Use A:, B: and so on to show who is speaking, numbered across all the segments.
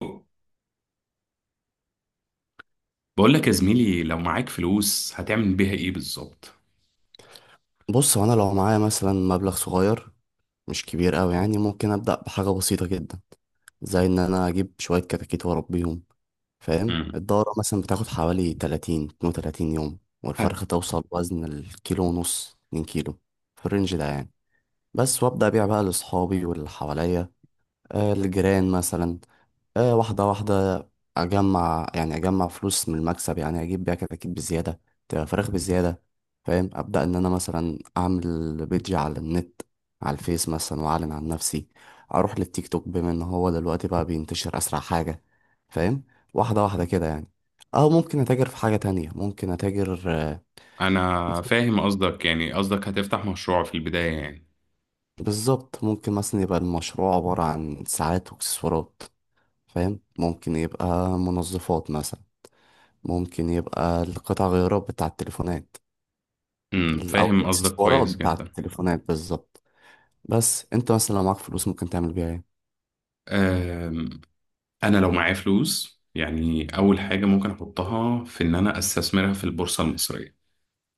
A: بقول لك يا زميلي، لو معاك فلوس هتعمل بيها ايه بالظبط؟
B: بص، هو انا لو معايا مثلا مبلغ صغير مش كبير قوي، يعني ممكن ابدا بحاجه بسيطه جدا زي ان انا اجيب شويه كتاكيت واربيهم. فاهم؟
A: امم
B: الدوره مثلا بتاخد حوالي 30 32 يوم،
A: هت...
B: والفرخه توصل وزن الكيلو ونص، 2 كيلو في الرينج ده يعني. بس، وابدا ابيع بقى لاصحابي واللي حواليا. الجيران مثلا. واحدة واحدة أجمع، يعني أجمع فلوس من المكسب. يعني أجيب بيها كتاكيت بزيادة، تبقى فراخ بزيادة. فاهم؟ أبدأ إن أنا مثلا أعمل بيدج على النت، على الفيس مثلا، وأعلن عن نفسي. أروح للتيك توك بما إن هو دلوقتي بقى بينتشر أسرع حاجة. فاهم؟ واحدة واحدة كده يعني. أو ممكن أتاجر في حاجة تانية، ممكن أتاجر
A: انا فاهم قصدك، يعني قصدك هتفتح مشروع في البداية يعني.
B: بالظبط، ممكن مثلا يبقى المشروع عبارة عن ساعات وإكسسوارات، فاهم؟ ممكن يبقى منظفات مثلا، ممكن يبقى القطع غيارات بتاع التليفونات. أو
A: فاهم قصدك
B: الإكسسوارات
A: كويس
B: بتاع
A: جدا.
B: التليفونات بالظبط. بس أنت مثلا لو معاك فلوس ممكن تعمل بيها إيه؟
A: أم... انا لو معايا فلوس، يعني اول حاجة ممكن احطها في ان انا استثمرها في البورصة المصرية.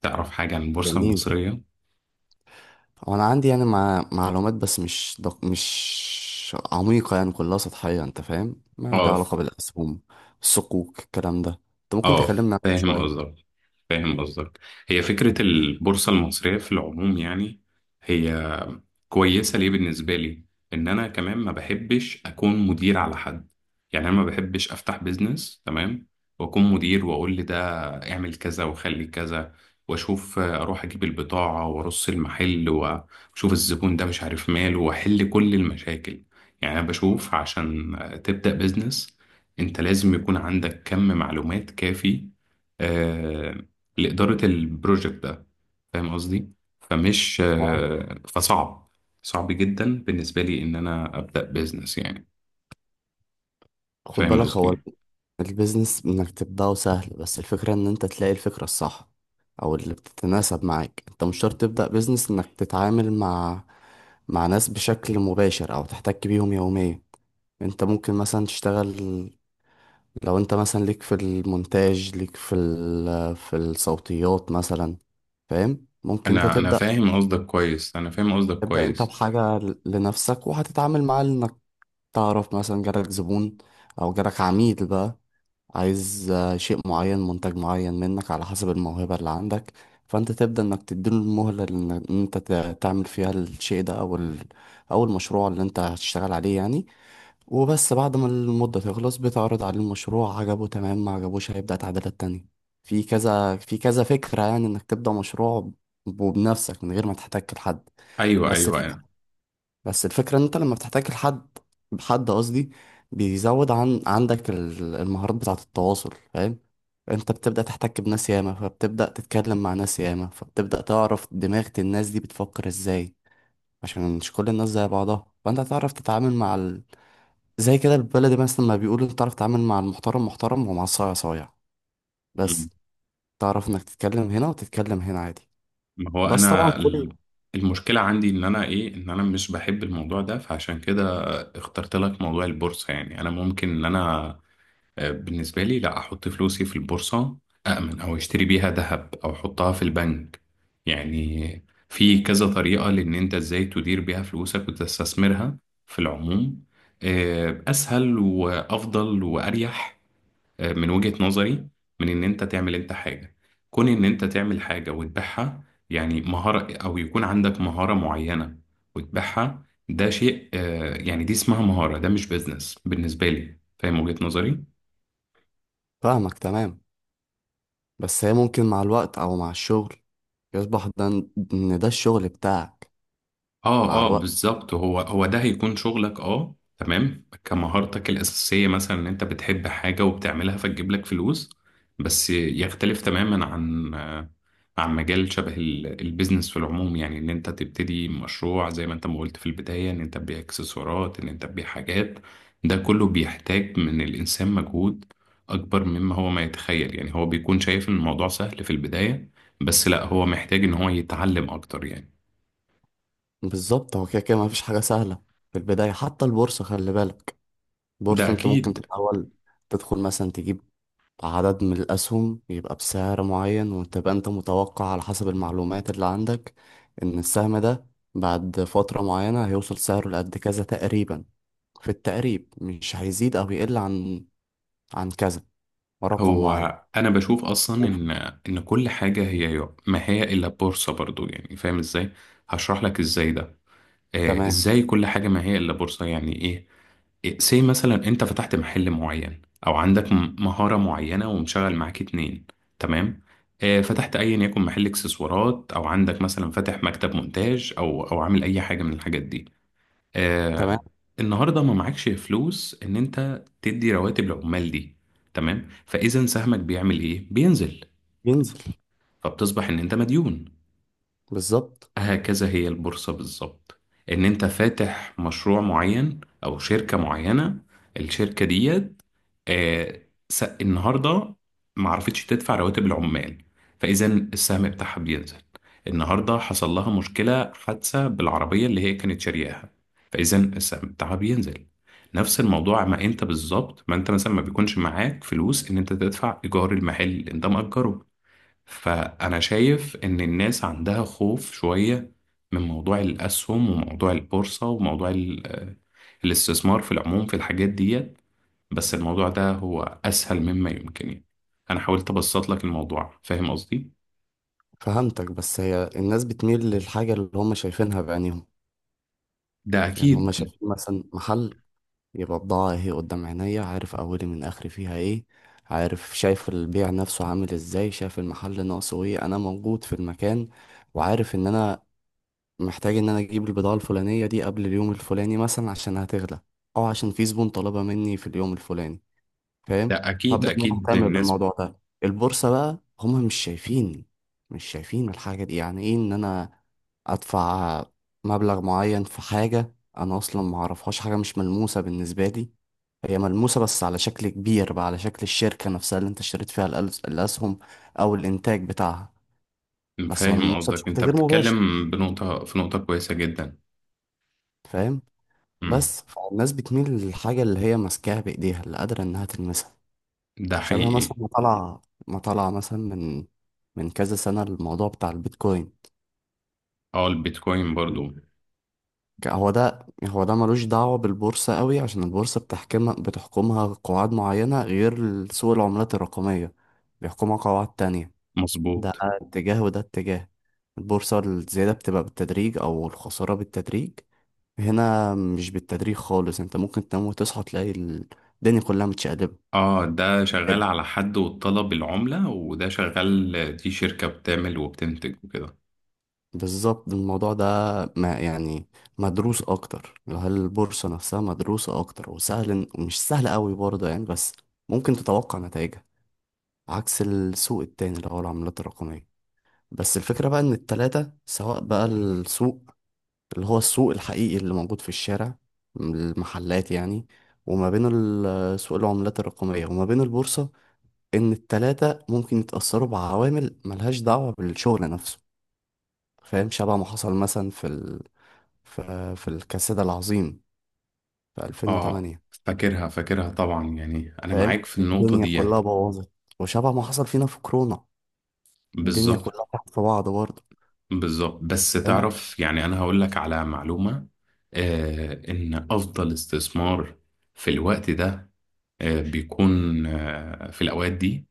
A: تعرف حاجة عن البورصة
B: جميل.
A: المصرية؟
B: هو أنا عندي يعني معلومات، بس مش مش عميقة يعني، كلها سطحية. أنت فاهم؟ ما لها
A: اه،
B: علاقة بالأسهم، الصكوك، الكلام ده. أنت ممكن
A: اه
B: تكلمنا عنها
A: فاهم
B: شوية.
A: قصدك فاهم قصدك. هي فكرة البورصة المصرية في العموم يعني، هي كويسة ليه بالنسبة لي. إن أنا كمان ما بحبش أكون مدير على حد، يعني أنا ما بحبش أفتح بيزنس، تمام، وأكون مدير وأقول لي ده اعمل كذا وخلي كذا وأشوف، أروح أجيب البضاعة وأرص المحل وأشوف الزبون ده مش عارف ماله وأحل كل المشاكل. يعني أنا بشوف، عشان تبدأ بيزنس أنت لازم يكون عندك كم معلومات كافي آه، لإدارة البروجكت ده. فاهم قصدي؟ فمش آه، فصعب، صعب جدا بالنسبة لي إن أنا أبدأ بيزنس يعني.
B: خد
A: فاهم
B: بالك، هو
A: قصدي.
B: البيزنس انك تبدأه سهل، بس الفكرة ان انت تلاقي الفكرة الصح او اللي بتتناسب معاك. انت مش شرط تبدأ بيزنس انك تتعامل مع ناس بشكل مباشر او تحتك بيهم يوميا. انت ممكن مثلا تشتغل، لو انت مثلا ليك في المونتاج، ليك في في الصوتيات مثلا. فاهم؟ ممكن انت
A: أنا
B: تبدأ
A: فاهم قصدك كويس أنا فاهم قصدك
B: تبدأ انت
A: كويس
B: بحاجة لنفسك وهتتعامل مع... تعرف مثلا جالك زبون او جالك عميل بقى، عايز شيء معين، منتج معين منك على حسب الموهبة اللي عندك. فانت تبدأ انك تديله المهلة ان إن انت تعمل فيها الشيء ده او ال... او المشروع اللي انت هتشتغل عليه يعني. وبس بعد ما المدة تخلص بتعرض عليه المشروع. عجبه تمام، ما عجبوش هيبدأ تعديلات تانية. في كذا، في كذا فكرة يعني انك تبدأ مشروع وبنفسك من غير ما تحتاج لحد.
A: أيوه،
B: بس
A: أيوه، أنا
B: بس الفكرة ان انت لما بتحتاج لحد، حد قصدي، بيزود عن عندك المهارات بتاعة التواصل. فاهم؟ انت بتبدأ تحتك بناس ياما، فبتبدأ تتكلم مع ناس ياما، فبتبدأ تعرف دماغ الناس دي بتفكر ازاي. عشان مش كل الناس زي بعضها، فانت هتعرف تتعامل مع ال... زي كده البلد مثلا ما بيقولوا، انت تعرف تتعامل مع المحترم محترم ومع الصايع صايع. بس
A: مم.
B: تعرف انك تتكلم هنا وتتكلم هنا عادي.
A: ما هو
B: بس طبعا
A: أنا المشكلة عندي، إن أنا، إن أنا مش بحب الموضوع ده، فعشان كده اخترت لك موضوع البورصة. يعني أنا ممكن إن أنا، بالنسبة لي، لا أحط فلوسي في البورصة، أأمن أو أشتري بيها ذهب أو أحطها في البنك. يعني في كذا طريقة لأن أنت إزاي تدير بيها فلوسك وتستثمرها في العموم. أسهل وأفضل وأريح من وجهة نظري، من إن أنت تعمل أنت حاجة، كون إن أنت تعمل حاجة وتبيعها، يعني مهارة أو يكون عندك مهارة معينة وتبيعها. ده شيء، يعني دي اسمها مهارة، ده مش بيزنس بالنسبة لي. فاهم وجهة نظري؟
B: فاهمك تمام. بس هي ممكن مع الوقت أو مع الشغل يصبح ده، إن ده الشغل بتاعك مع
A: اه، اه،
B: الوقت.
A: بالظبط، هو ده هيكون شغلك، اه، تمام، كمهارتك الأساسية، مثلا ان انت بتحب حاجة وبتعملها فتجيب لك فلوس. بس يختلف تماما عن، عن مجال شبه البيزنس في العموم، يعني ان انت تبتدي مشروع زي ما انت ما قلت في البداية، ان انت تبيع اكسسوارات، ان انت تبيع حاجات. ده كله بيحتاج من الإنسان مجهود أكبر مما هو ما يتخيل، يعني هو بيكون شايف ان الموضوع سهل في البداية، بس لا، هو محتاج ان هو يتعلم أكتر يعني.
B: بالظبط، هو كده كده مفيش حاجة سهلة في البداية. حتى البورصة خلي بالك،
A: ده
B: البورصة أنت ممكن في
A: أكيد.
B: الأول تدخل مثلا، تجيب عدد من الأسهم يبقى بسعر معين، وتبقى أنت متوقع على حسب المعلومات اللي عندك إن السهم ده بعد فترة معينة هيوصل سعره لقد كذا تقريبا، في التقريب، مش هيزيد أو يقل عن كذا، رقم
A: هو
B: معين.
A: انا بشوف اصلا
B: أوف.
A: ان، كل حاجه هي ما هي الا بورصه برضو، يعني فاهم ازاي؟ هشرح لك ازاي ده.
B: تمام،
A: ازاي كل حاجه ما هي الا بورصه، يعني ايه. سي مثلا انت فتحت محل معين، او عندك مهارة معينة ومشغل معاك اتنين، تمام. فتحت ايا يكن محل اكسسوارات، او عندك مثلا فاتح مكتب مونتاج، او عامل اي حاجة من الحاجات دي.
B: تمام،
A: آه النهارده ما معكش فلوس ان انت تدي رواتب العمال دي، تمام. فاذا سهمك بيعمل ايه؟ بينزل.
B: ينزل
A: ف- فبتصبح ان انت مديون.
B: بالظبط.
A: هكذا هي البورصة بالظبط. ان انت فاتح مشروع معين او شركة معينة، الشركة دي، آه، النهارده ما عرفتش تدفع رواتب العمال، فاذا السهم بتاعها بينزل. النهارده حصل لها مشكله، حادثه بالعربيه اللي هي كانت شارياها، فاذا السهم بتاعها بينزل. نفس الموضوع، ما انت بالظبط، ما انت مثلا ما بيكونش معاك فلوس ان انت تدفع ايجار المحل اللي انت مأجره. فانا شايف ان الناس عندها خوف شويه من موضوع الاسهم وموضوع البورصه وموضوع الاستثمار في العموم في الحاجات دي. بس الموضوع ده هو أسهل مما يمكن، يعني أنا حاولت أبسط لك الموضوع. فاهم قصدي؟
B: فهمتك. بس هي الناس بتميل للحاجة اللي هم شايفينها بعينيهم،
A: ده
B: يعني هم
A: أكيد.
B: شايفين مثلا محل، يبقى بضاعة اهي قدام عينيا، عارف أولي من آخري فيها ايه، عارف، شايف البيع نفسه عامل ازاي، شايف المحل ناقصه ايه. أنا موجود في المكان وعارف إن أنا محتاج إن أنا أجيب البضاعة الفلانية دي قبل اليوم الفلاني مثلا عشان هتغلى، أو عشان في زبون طلبها مني في اليوم الفلاني.
A: ده
B: فاهم؟
A: أكيد،
B: فابدا ان انا
A: أكيد،
B: اهتم بالموضوع ده. البورصه بقى هم مش شايفين الحاجه دي. يعني ايه ان انا ادفع مبلغ معين في حاجه انا اصلا ما اعرفهاش؟ حاجه مش ملموسه بالنسبه لي. هي ملموسه بس على شكل كبير بقى، على شكل الشركه نفسها اللي انت اشتريت فيها الاسهم او الانتاج بتاعها. بس
A: فاهم
B: ملموسه
A: قصدك،
B: بشكل
A: أنت
B: غير مباشر.
A: بتتكلم بنقطة في نقطة كويسة جدا.
B: فاهم؟
A: امم
B: بس فالناس بتميل للحاجه اللي هي ماسكاها بايديها، اللي قادره انها تلمسها.
A: ده
B: شبه
A: حقيقي.
B: مثلا ما طلع مثلا من كذا سنة الموضوع بتاع البيتكوين.
A: أه، البيتكوين برضو.
B: هو ده ملوش دعوة بالبورصة قوي، عشان البورصة بتحكمها قواعد معينة. غير سوق العملات الرقمية، بيحكمها قواعد تانية. ده
A: مظبوط.
B: اتجاه وده اتجاه. البورصة الزيادة بتبقى بالتدريج، أو الخسارة بالتدريج. هنا مش بالتدريج خالص، انت ممكن تنام وتصحى تلاقي الدنيا كلها متشقلبة.
A: أه، ده شغال على حد والطلب العملة، وده شغال، دي شركة بتعمل وبتنتج وكده.
B: بالظبط، الموضوع ده ما يعني مدروس اكتر. هل البورصة نفسها مدروسة اكتر وسهل ومش سهل قوي برضه يعني، بس ممكن تتوقع نتائجها عكس السوق التاني اللي هو العملات الرقمية. بس الفكرة بقى ان التلاتة، سواء بقى السوق اللي هو السوق الحقيقي اللي موجود في الشارع، المحلات يعني، وما بين سوق العملات الرقمية، وما بين البورصة، ان التلاتة ممكن يتأثروا بعوامل ملهاش دعوة بالشغل نفسه. فاهم؟ شبه ما حصل مثلا في الكساد العظيم في
A: أه،
B: 2008.
A: فاكرها طبعا، يعني أنا
B: فاهم؟
A: معاك في النقطة
B: الدنيا
A: ديت.
B: كلها بوظت. وشبه ما حصل فينا في كورونا، الدنيا
A: بالظبط،
B: كلها تحت في بعض برضه.
A: بالظبط، بس
B: فاهم؟
A: تعرف، يعني أنا هقول لك على معلومة، إن أفضل استثمار في الوقت ده، بيكون في الأوقات دي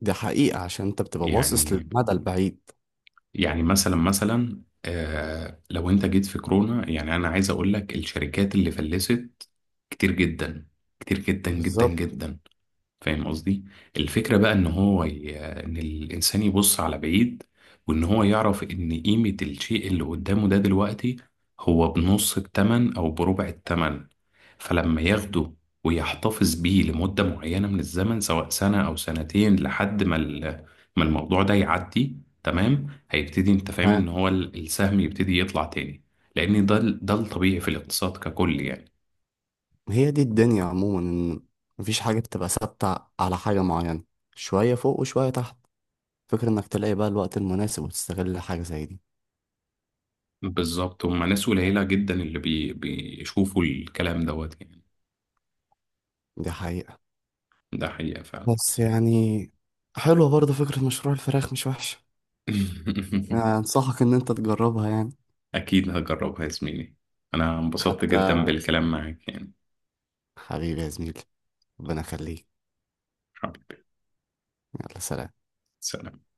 B: دي حقيقة عشان انت بتبقى باصص
A: يعني
B: للمدى البعيد.
A: مثلا، لو أنت جيت في كورونا، يعني أنا عايز أقول لك، الشركات اللي فلست كتير جدا، كتير جدا جدا
B: بالظبط.
A: جدا. فاهم قصدي. الفكرة بقى ان هو ان الانسان يبص على بعيد، وان هو يعرف ان قيمة الشيء اللي قدامه ده دلوقتي هو بنص التمن او بربع التمن. فلما ياخده ويحتفظ بيه لمدة معينة من الزمن، سواء سنة او سنتين، لحد ما ما الموضوع ده يعدي، تمام، هيبتدي انت فاهم ان
B: ها،
A: هو السهم يبتدي يطلع تاني. لان ده الطبيعي في الاقتصاد ككل يعني.
B: هي دي الدنيا عموما، ان مفيش حاجة بتبقى ثابتة على حاجة معينة، شوية فوق وشوية تحت. فكرة انك تلاقي بقى الوقت المناسب وتستغل حاجة زي دي.
A: بالظبط، هما ناس قليلة جدا اللي بيشوفوا الكلام دوت يعني.
B: دي حقيقة.
A: ده حقيقة فعلا.
B: بس يعني حلوة برضه فكرة مشروع الفراخ، مش وحشة يعني، أنصحك إن أنت تجربها يعني.
A: أكيد هجربها يا زميلي، أنا انبسطت
B: حتى
A: جدا بالكلام معاك يعني.
B: حبيبي يا زميلي، ربنا يخليك.
A: حبيبي.
B: يلا سلام.
A: سلام.